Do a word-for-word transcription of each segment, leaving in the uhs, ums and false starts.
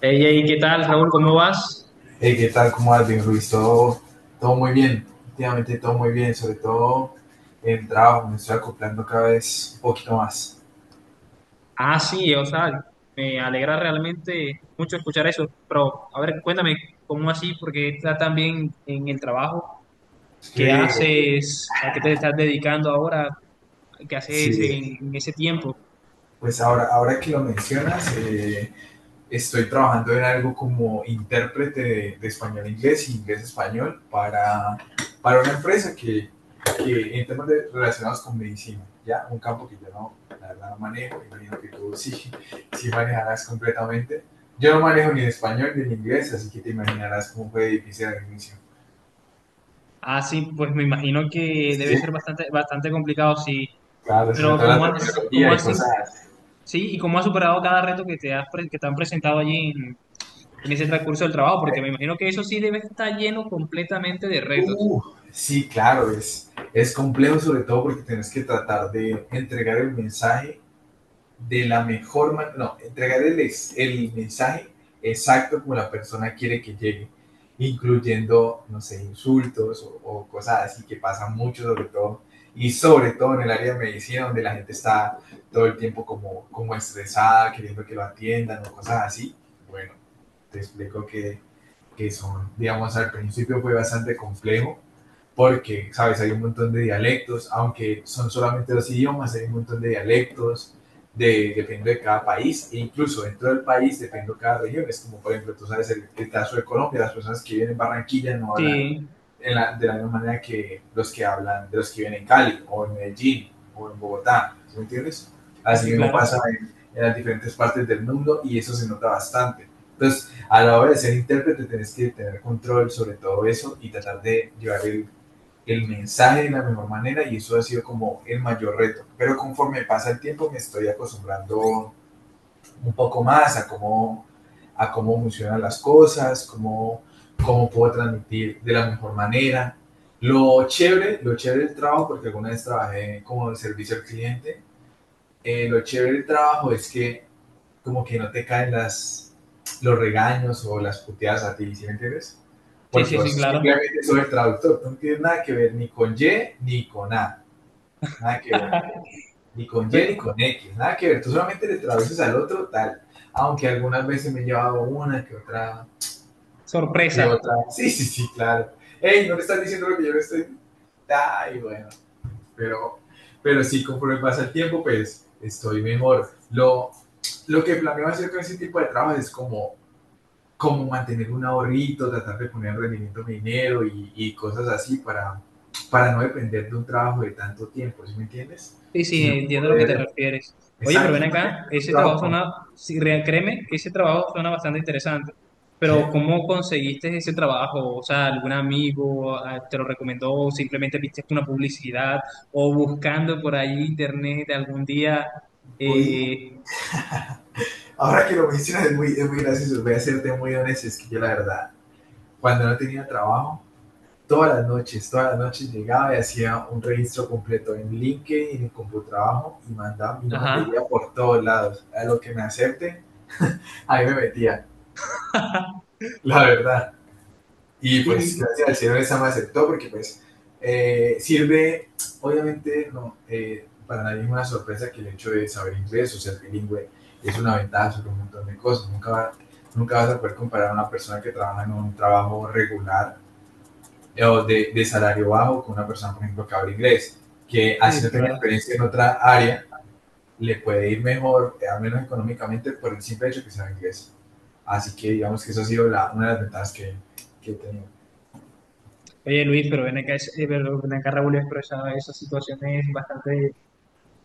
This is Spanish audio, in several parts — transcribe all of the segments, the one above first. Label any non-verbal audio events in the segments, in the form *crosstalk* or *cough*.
Hey, hey, ¿qué tal, Raúl? ¿Cómo vas? Hey, ¿qué tal? ¿Cómo vas? Bien, Luis? Todo, todo muy bien, últimamente todo muy bien, sobre todo en el trabajo, me estoy acoplando cada vez un poquito más. Ah, sí, o sea, me alegra realmente mucho escuchar eso, pero a ver, cuéntame, ¿cómo así? Porque estás tan bien en el trabajo. Es que, ¿Qué haces? ¿A qué te estás dedicando ahora? ¿Qué haces sí, en, en ese tiempo? pues ahora, ahora que lo mencionas, eh, estoy trabajando en algo como intérprete de, de español-inglés y inglés-español para, para una empresa que, que en temas de- relacionados con medicina, ya un campo que yo no, la verdad no manejo, imagino que tú sí, sí manejarás completamente. Yo no manejo ni el español ni el inglés, así que te imaginarás cómo fue difícil al inicio. Ah, sí, pues me imagino que Sí, debe ser bastante, bastante complicado, sí, claro, sobre pero todo la ¿cómo has, cómo terminología y has, cosas así. sí, y cómo has superado cada reto que te has, pre- que te han presentado allí en, en ese transcurso del trabajo? Porque me imagino que eso sí debe estar lleno completamente de retos. Uh, sí, claro, es, es complejo sobre todo porque tienes que tratar de entregar el mensaje de la mejor manera, no, entregar el, el mensaje exacto como la persona quiere que llegue, incluyendo, no sé, insultos o, o cosas así que pasan mucho, sobre todo, y sobre todo en el área de medicina, donde la gente está todo el tiempo como, como estresada, queriendo que lo atiendan o cosas así. Bueno, te explico que, que son, digamos, al principio fue bastante complejo porque, ¿sabes? Hay un montón de dialectos, aunque son solamente los idiomas, hay un montón de dialectos, de, depende de cada país, e incluso dentro del país depende de cada región. Es como, por ejemplo, tú sabes el, el caso de Colombia, las personas que viven en Barranquilla no hablan Sí. en la, de la misma manera que los que hablan, de los que viven en Cali, o en Medellín, o en Bogotá, ¿sí ¿me entiendes? Sí, Así sí, mismo claro. pasa en, en las diferentes partes del mundo y eso se nota bastante. Entonces, a la hora de ser intérprete, tienes que tener control sobre todo eso y tratar de llevar el el mensaje de la mejor manera y eso ha sido como el mayor reto. Pero conforme pasa el tiempo me estoy acostumbrando un poco más a cómo, a cómo funcionan las cosas, cómo, cómo puedo transmitir de la mejor manera. Lo chévere, lo chévere del trabajo, porque alguna vez trabajé como servicio al cliente, eh, lo chévere del trabajo es que como que no te caen las, los regaños o las puteadas a ti, ¿sí me entiendes? Sí, Porque sí, sí, vos claro. simplemente sos el traductor, tú no tienes nada que ver ni con i griega ni con A, nada que ver, *laughs* ni con Y Ve- ni con equis, nada que ver, tú solamente le traduces al otro tal, aunque algunas veces me he llevado una que otra, que Sorpresa. otra, sí, sí, sí, claro, hey, no le estás diciendo lo que yo le estoy, ay, bueno, pero, pero sí, conforme pasa el tiempo, pues estoy mejor. Lo, lo que planeo hacer con ese tipo de trabajos es como cómo mantener un ahorrito, tratar de poner en rendimiento a mi dinero y, y, cosas así para, para no depender de un trabajo de tanto tiempo, ¿sí me entiendes? Sí, sí, Sino entiendo a lo que te poder, refieres. Oye, pero exacto, ven como tener acá, un ese trabajo trabajo con, suena, sí, re- créeme, ese trabajo suena bastante interesante. Pero ¿sí? ¿cómo conseguiste ese trabajo? O sea, ¿algún amigo ah, te lo recomendó o simplemente viste una publicidad o buscando por ahí internet algún día? Voy, eh, Ahora que lo mencionas es muy, es muy gracioso, voy a serte muy honesto, es que yo la verdad, cuando no tenía trabajo, todas las noches, todas las noches llegaba y hacía un registro completo en linked in, en el Computrabajo y mandaba mi hojas de ajá. vida por todos lados. A lo que me acepten, ahí me metía, *laughs* la verdad. Y pues Sí, gracias al cielo esa me aceptó porque pues eh, sirve, obviamente no, eh, para nadie es una sorpresa que el hecho de saber inglés o ser bilingüe es una ventaja sobre un montón de cosas. Nunca, va, nunca vas a poder comparar a una persona que trabaja en un trabajo regular eh, o de, de salario bajo con una persona, por ejemplo, que habla inglés, que sí, así sí, no tenga claro. experiencia en otra área, le puede ir mejor, eh, al menos económicamente, por el simple hecho que sabe inglés. Así que digamos que eso ha sido la, una de las ventajas que, que he tenido. Oye, Luis, pero ven acá, es- eh, pero ven acá, Raúl, pero esa, esa situación es bastante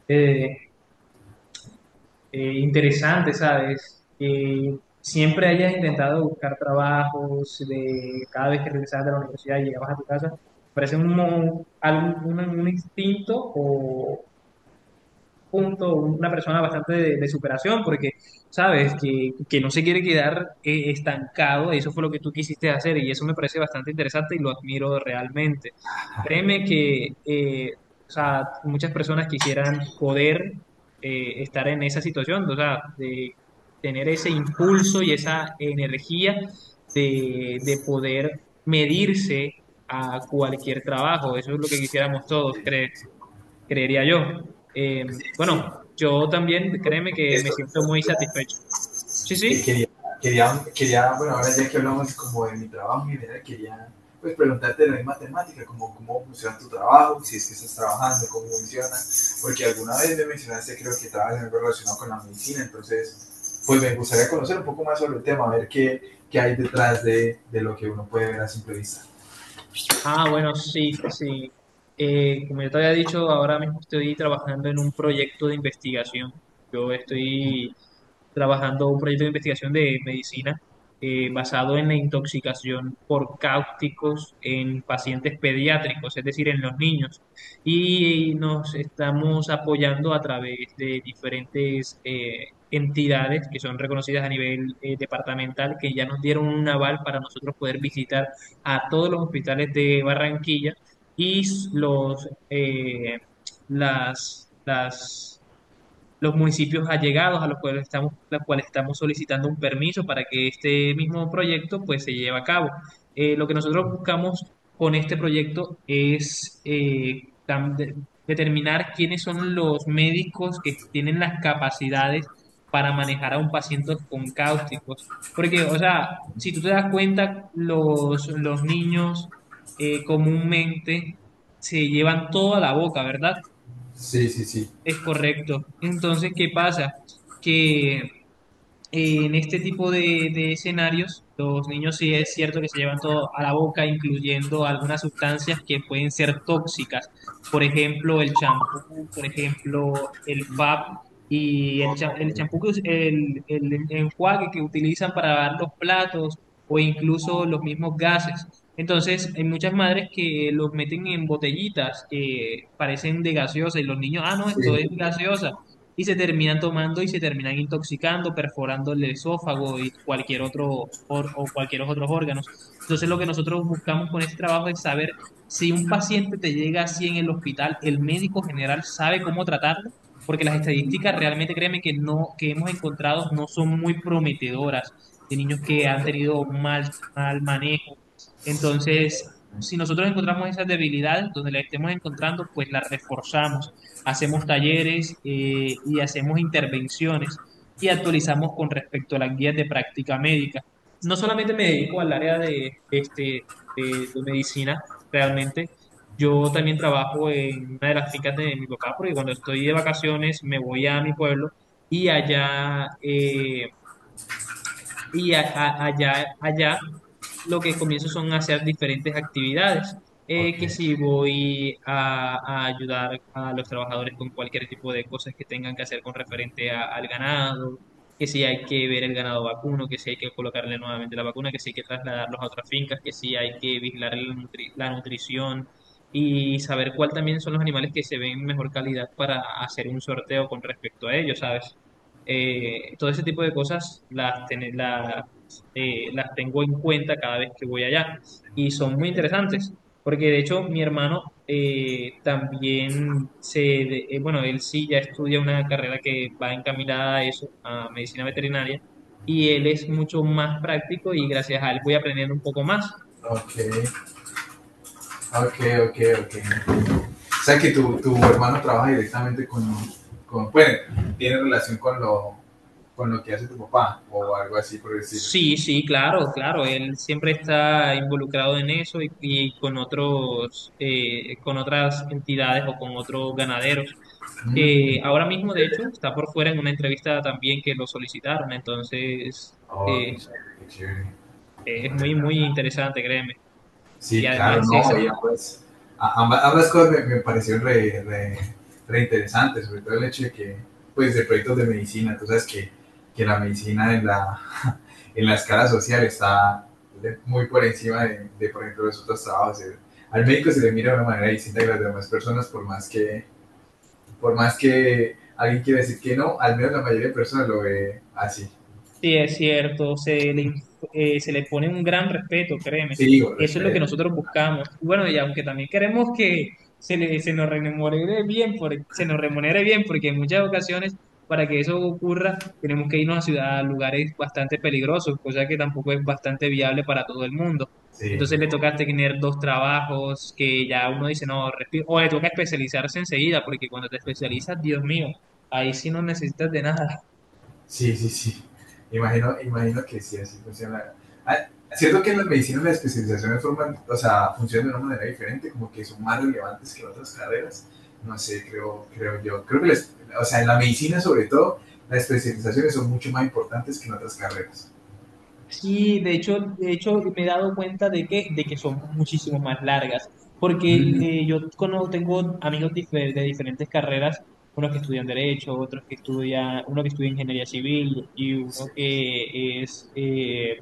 eh, eh, interesante, ¿sabes? Que siempre hayas intentado buscar trabajos de cada vez que regresabas de la universidad y llegabas a tu casa, parece un, mo- algo- un, un instinto o punto, una persona bastante de, de superación, porque sabes que, que no se quiere quedar eh, estancado, eso fue lo que tú quisiste hacer y eso me parece bastante interesante y lo admiro realmente. Créeme que eh, o sea, muchas personas quisieran poder eh, estar en esa situación, o sea, de tener ese impulso y esa energía de, de poder medirse a cualquier trabajo, eso es lo que quisiéramos todos, Sí, creo sí. creería yo. Eh, Sí, bueno, sí. yo también, créeme que me Esto, siento muy satisfecho. Sí, que sí. quería, quería, quería, bueno, ahora ya que hablamos como de mi trabajo en general, quería pues preguntarte de la misma temática, como cómo funciona tu trabajo, si es que estás trabajando, cómo funciona, porque alguna vez me mencionaste, creo que trabajas en algo relacionado con la medicina, entonces, pues me gustaría conocer un poco más sobre el tema, a ver qué, qué hay detrás de, de lo que uno puede ver a simple vista. Ah, bueno, sí, sí. Eh, como ya te había dicho, ahora mismo estoy trabajando en un proyecto de investigación. Yo estoy trabajando un proyecto de investigación de medicina eh, basado en la intoxicación por cáusticos en pacientes pediátricos, es decir, en los niños. Y nos estamos apoyando a través de diferentes eh, entidades que son reconocidas a nivel eh, departamental, que ya nos dieron un aval para nosotros poder visitar a todos los hospitales de Barranquilla y los, eh, las, las los municipios allegados a los cuales estamos, los cuales estamos solicitando un permiso para que este mismo proyecto pues se lleve a cabo. Eh, lo que nosotros buscamos con este proyecto es eh, tam- de- determinar quiénes son los médicos que tienen las capacidades para manejar a un paciente con cáusticos. Porque, o sea, si tú te das cuenta, los, los niños eh, comúnmente se llevan toda la boca, ¿verdad? Sí, sí, sí. Es correcto. Entonces, ¿qué pasa? Que eh, En este tipo de, de escenarios, los niños sí es cierto que se llevan todo a la boca, incluyendo algunas sustancias que pueden ser tóxicas. Por ejemplo, el champú, por ejemplo, el FAB y el, Ok, cha- el champú, que us- el, el enjuague que utilizan para lavar los platos o incluso los mismos gases. Entonces, hay muchas madres que los meten en botellitas que parecen de gaseosa y los niños, ah, no, esto sí, es gaseosa y se terminan tomando y se terminan intoxicando, perforando el esófago y cualquier otro or- o cualquier otros órganos. Entonces, lo que nosotros buscamos con este trabajo es saber si un paciente te llega así en el hospital, el médico general sabe cómo tratarlo, porque las estadísticas realmente, créeme que no que hemos encontrado no son muy prometedoras de niños que han tenido mal mal manejo. Entonces, si nosotros encontramos esas debilidades donde las estemos encontrando, pues las reforzamos, hacemos talleres eh, y hacemos intervenciones y actualizamos con respecto a las guías de práctica médica. No solamente me dedico al área de, este, de, de medicina, realmente. Yo también trabajo en una de las fincas de mi papá, porque cuando estoy de vacaciones me voy a mi pueblo y allá eh, y a- a- allá, allá lo que comienzo son a hacer diferentes actividades, eh, ok, que si voy a, a ayudar a los trabajadores con cualquier tipo de cosas que tengan que hacer con referente a- al ganado, que si hay que ver el ganado vacuno, que si hay que colocarle nuevamente la vacuna, que si hay que trasladarlos a otras fincas, que si hay que vigilar la nutri- la nutrición y saber cuál también son los animales que se ven en mejor calidad para hacer un sorteo con respecto a ellos, ¿sabes? Eh, todo ese tipo de cosas las, ten- las, eh, las tengo en cuenta cada vez que voy allá y son muy interesantes, porque de hecho mi hermano eh, también se, de- eh, bueno, él sí ya estudia una carrera que va encaminada a eso, a medicina veterinaria, y él es mucho más práctico y gracias a él voy aprendiendo un poco más. ok, ok, ok, ok. O sea que tu, tu hermano trabaja directamente con, con bueno, tiene relación con lo, con lo que hace tu papá o algo así por decirlo. Sí, sí, claro, claro. Él siempre está involucrado en eso y, y con otros, eh, con otras entidades o con otros ganaderos. Que Mm. ahora mismo, de hecho, está por fuera en una entrevista también que lo solicitaron, entonces Oh, eh, qué chévere, qué chévere. es muy, muy interesante, créeme. Y Sí, claro, además es, no, y ambas, ambas, ambas cosas me, me parecieron re, re, re interesantes, sobre todo el hecho de que, pues, de proyectos de medicina, tú sabes que, que la medicina en la, en la escala social está muy por encima de, de, por ejemplo, los otros trabajos. Al médico se le mira de una manera distinta que las demás personas, por más que, por más que alguien quiera decir que no, al menos la mayoría de personas lo ve así. Sí, es cierto, se le, inf- eh, se le pone un gran respeto, créeme. Sí, con Eso es lo que respeto, nosotros buscamos. Bueno, y aunque también queremos que se, le, se nos remunere bien, por, se nos remunere bien, porque en muchas ocasiones, para que eso ocurra, tenemos que irnos a ciudad, a lugares bastante peligrosos, cosa que tampoco es bastante viable para todo el mundo. sí, Entonces le tampoco. toca tener dos trabajos que ya uno dice, no, respi- o le toca especializarse enseguida, porque cuando te especializas, Dios mío, ahí sí no necesitas de nada. Sí, sí, sí. Imagino, imagino que sí, así funciona. Ah, siento que en las medicinas las especializaciones forman, o sea, funcionan de una manera diferente, como que son más relevantes que en otras carreras. No sé, creo, creo yo. Creo que, las- o sea, en la medicina sobre todo, las especializaciones son mucho más importantes que en otras carreras. Sí, de hecho, de hecho me he dado cuenta de que, de que son muchísimo más largas, porque Mm, eh, yo cono- tengo amigos dife- de diferentes carreras, unos que estudian derecho, otros que estudian, uno que estudia ingeniería civil y sí, uno que es eh,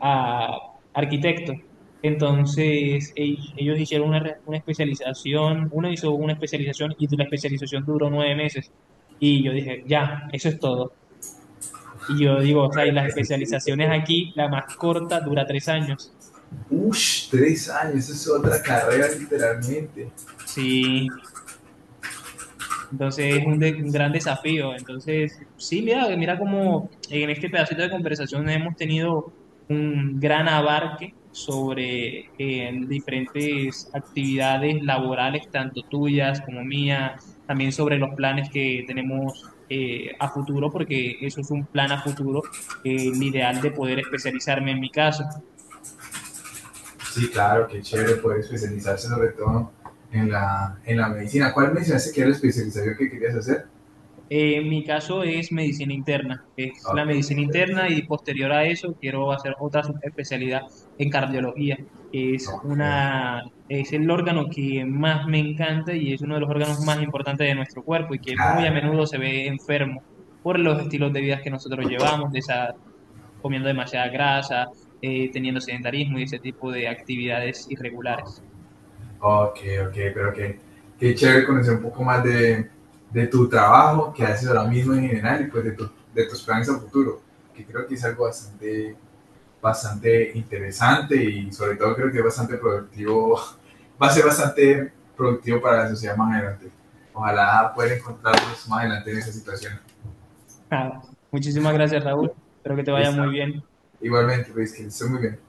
a- arquitecto. Entonces, e- ellos hicieron una, re- una especialización, uno hizo una especialización y la especialización duró nueve meses. Y yo dije, ya, eso es todo. Y yo digo, o sea, y creo las que sí, sí, creo que- especializaciones sí. aquí, la más corta dura tres años. Ush, tres años, eso es otra carrera literalmente. Sí, entonces es un, de- un gran desafío. Entonces, sí, mira, mira cómo en este pedacito de conversación hemos tenido un gran abarque sobre eh, diferentes actividades laborales, tanto tuyas como mías, también sobre los planes que tenemos eh, a futuro, porque eso es un plan a futuro, eh, el ideal de poder especializarme en mi caso. Sí, claro, qué chévere poder especializarse sobre todo en la, en la medicina. ¿Cuál mencionaste que era la especialización que querías hacer? Eh, en mi caso es medicina interna, es la Ok, medicina interna y posterior a eso quiero hacer otra especialidad en cardiología, que es ok, una, es el órgano que más me encanta y es uno de los órganos más importantes de nuestro cuerpo y ok, que muy a claro. menudo se ve enfermo por los estilos de vida que nosotros llevamos, de esa- comiendo demasiada grasa, eh, teniendo sedentarismo y ese tipo de actividades irregulares. Ok, ok, pero que qué chévere conocer un poco más de, de tu trabajo que haces ahora mismo en general y pues de, tu- de tus planes a futuro, que creo que es algo bastante, bastante interesante y sobre todo creo que es bastante productivo, *laughs* va a ser bastante productivo para la sociedad más adelante. Ojalá puedan encontrarnos más adelante en esa situación. *laughs* Muchísimas gracias, Raúl. Espero que te vaya Listo. muy bien. Igualmente, pues, que estés muy bien.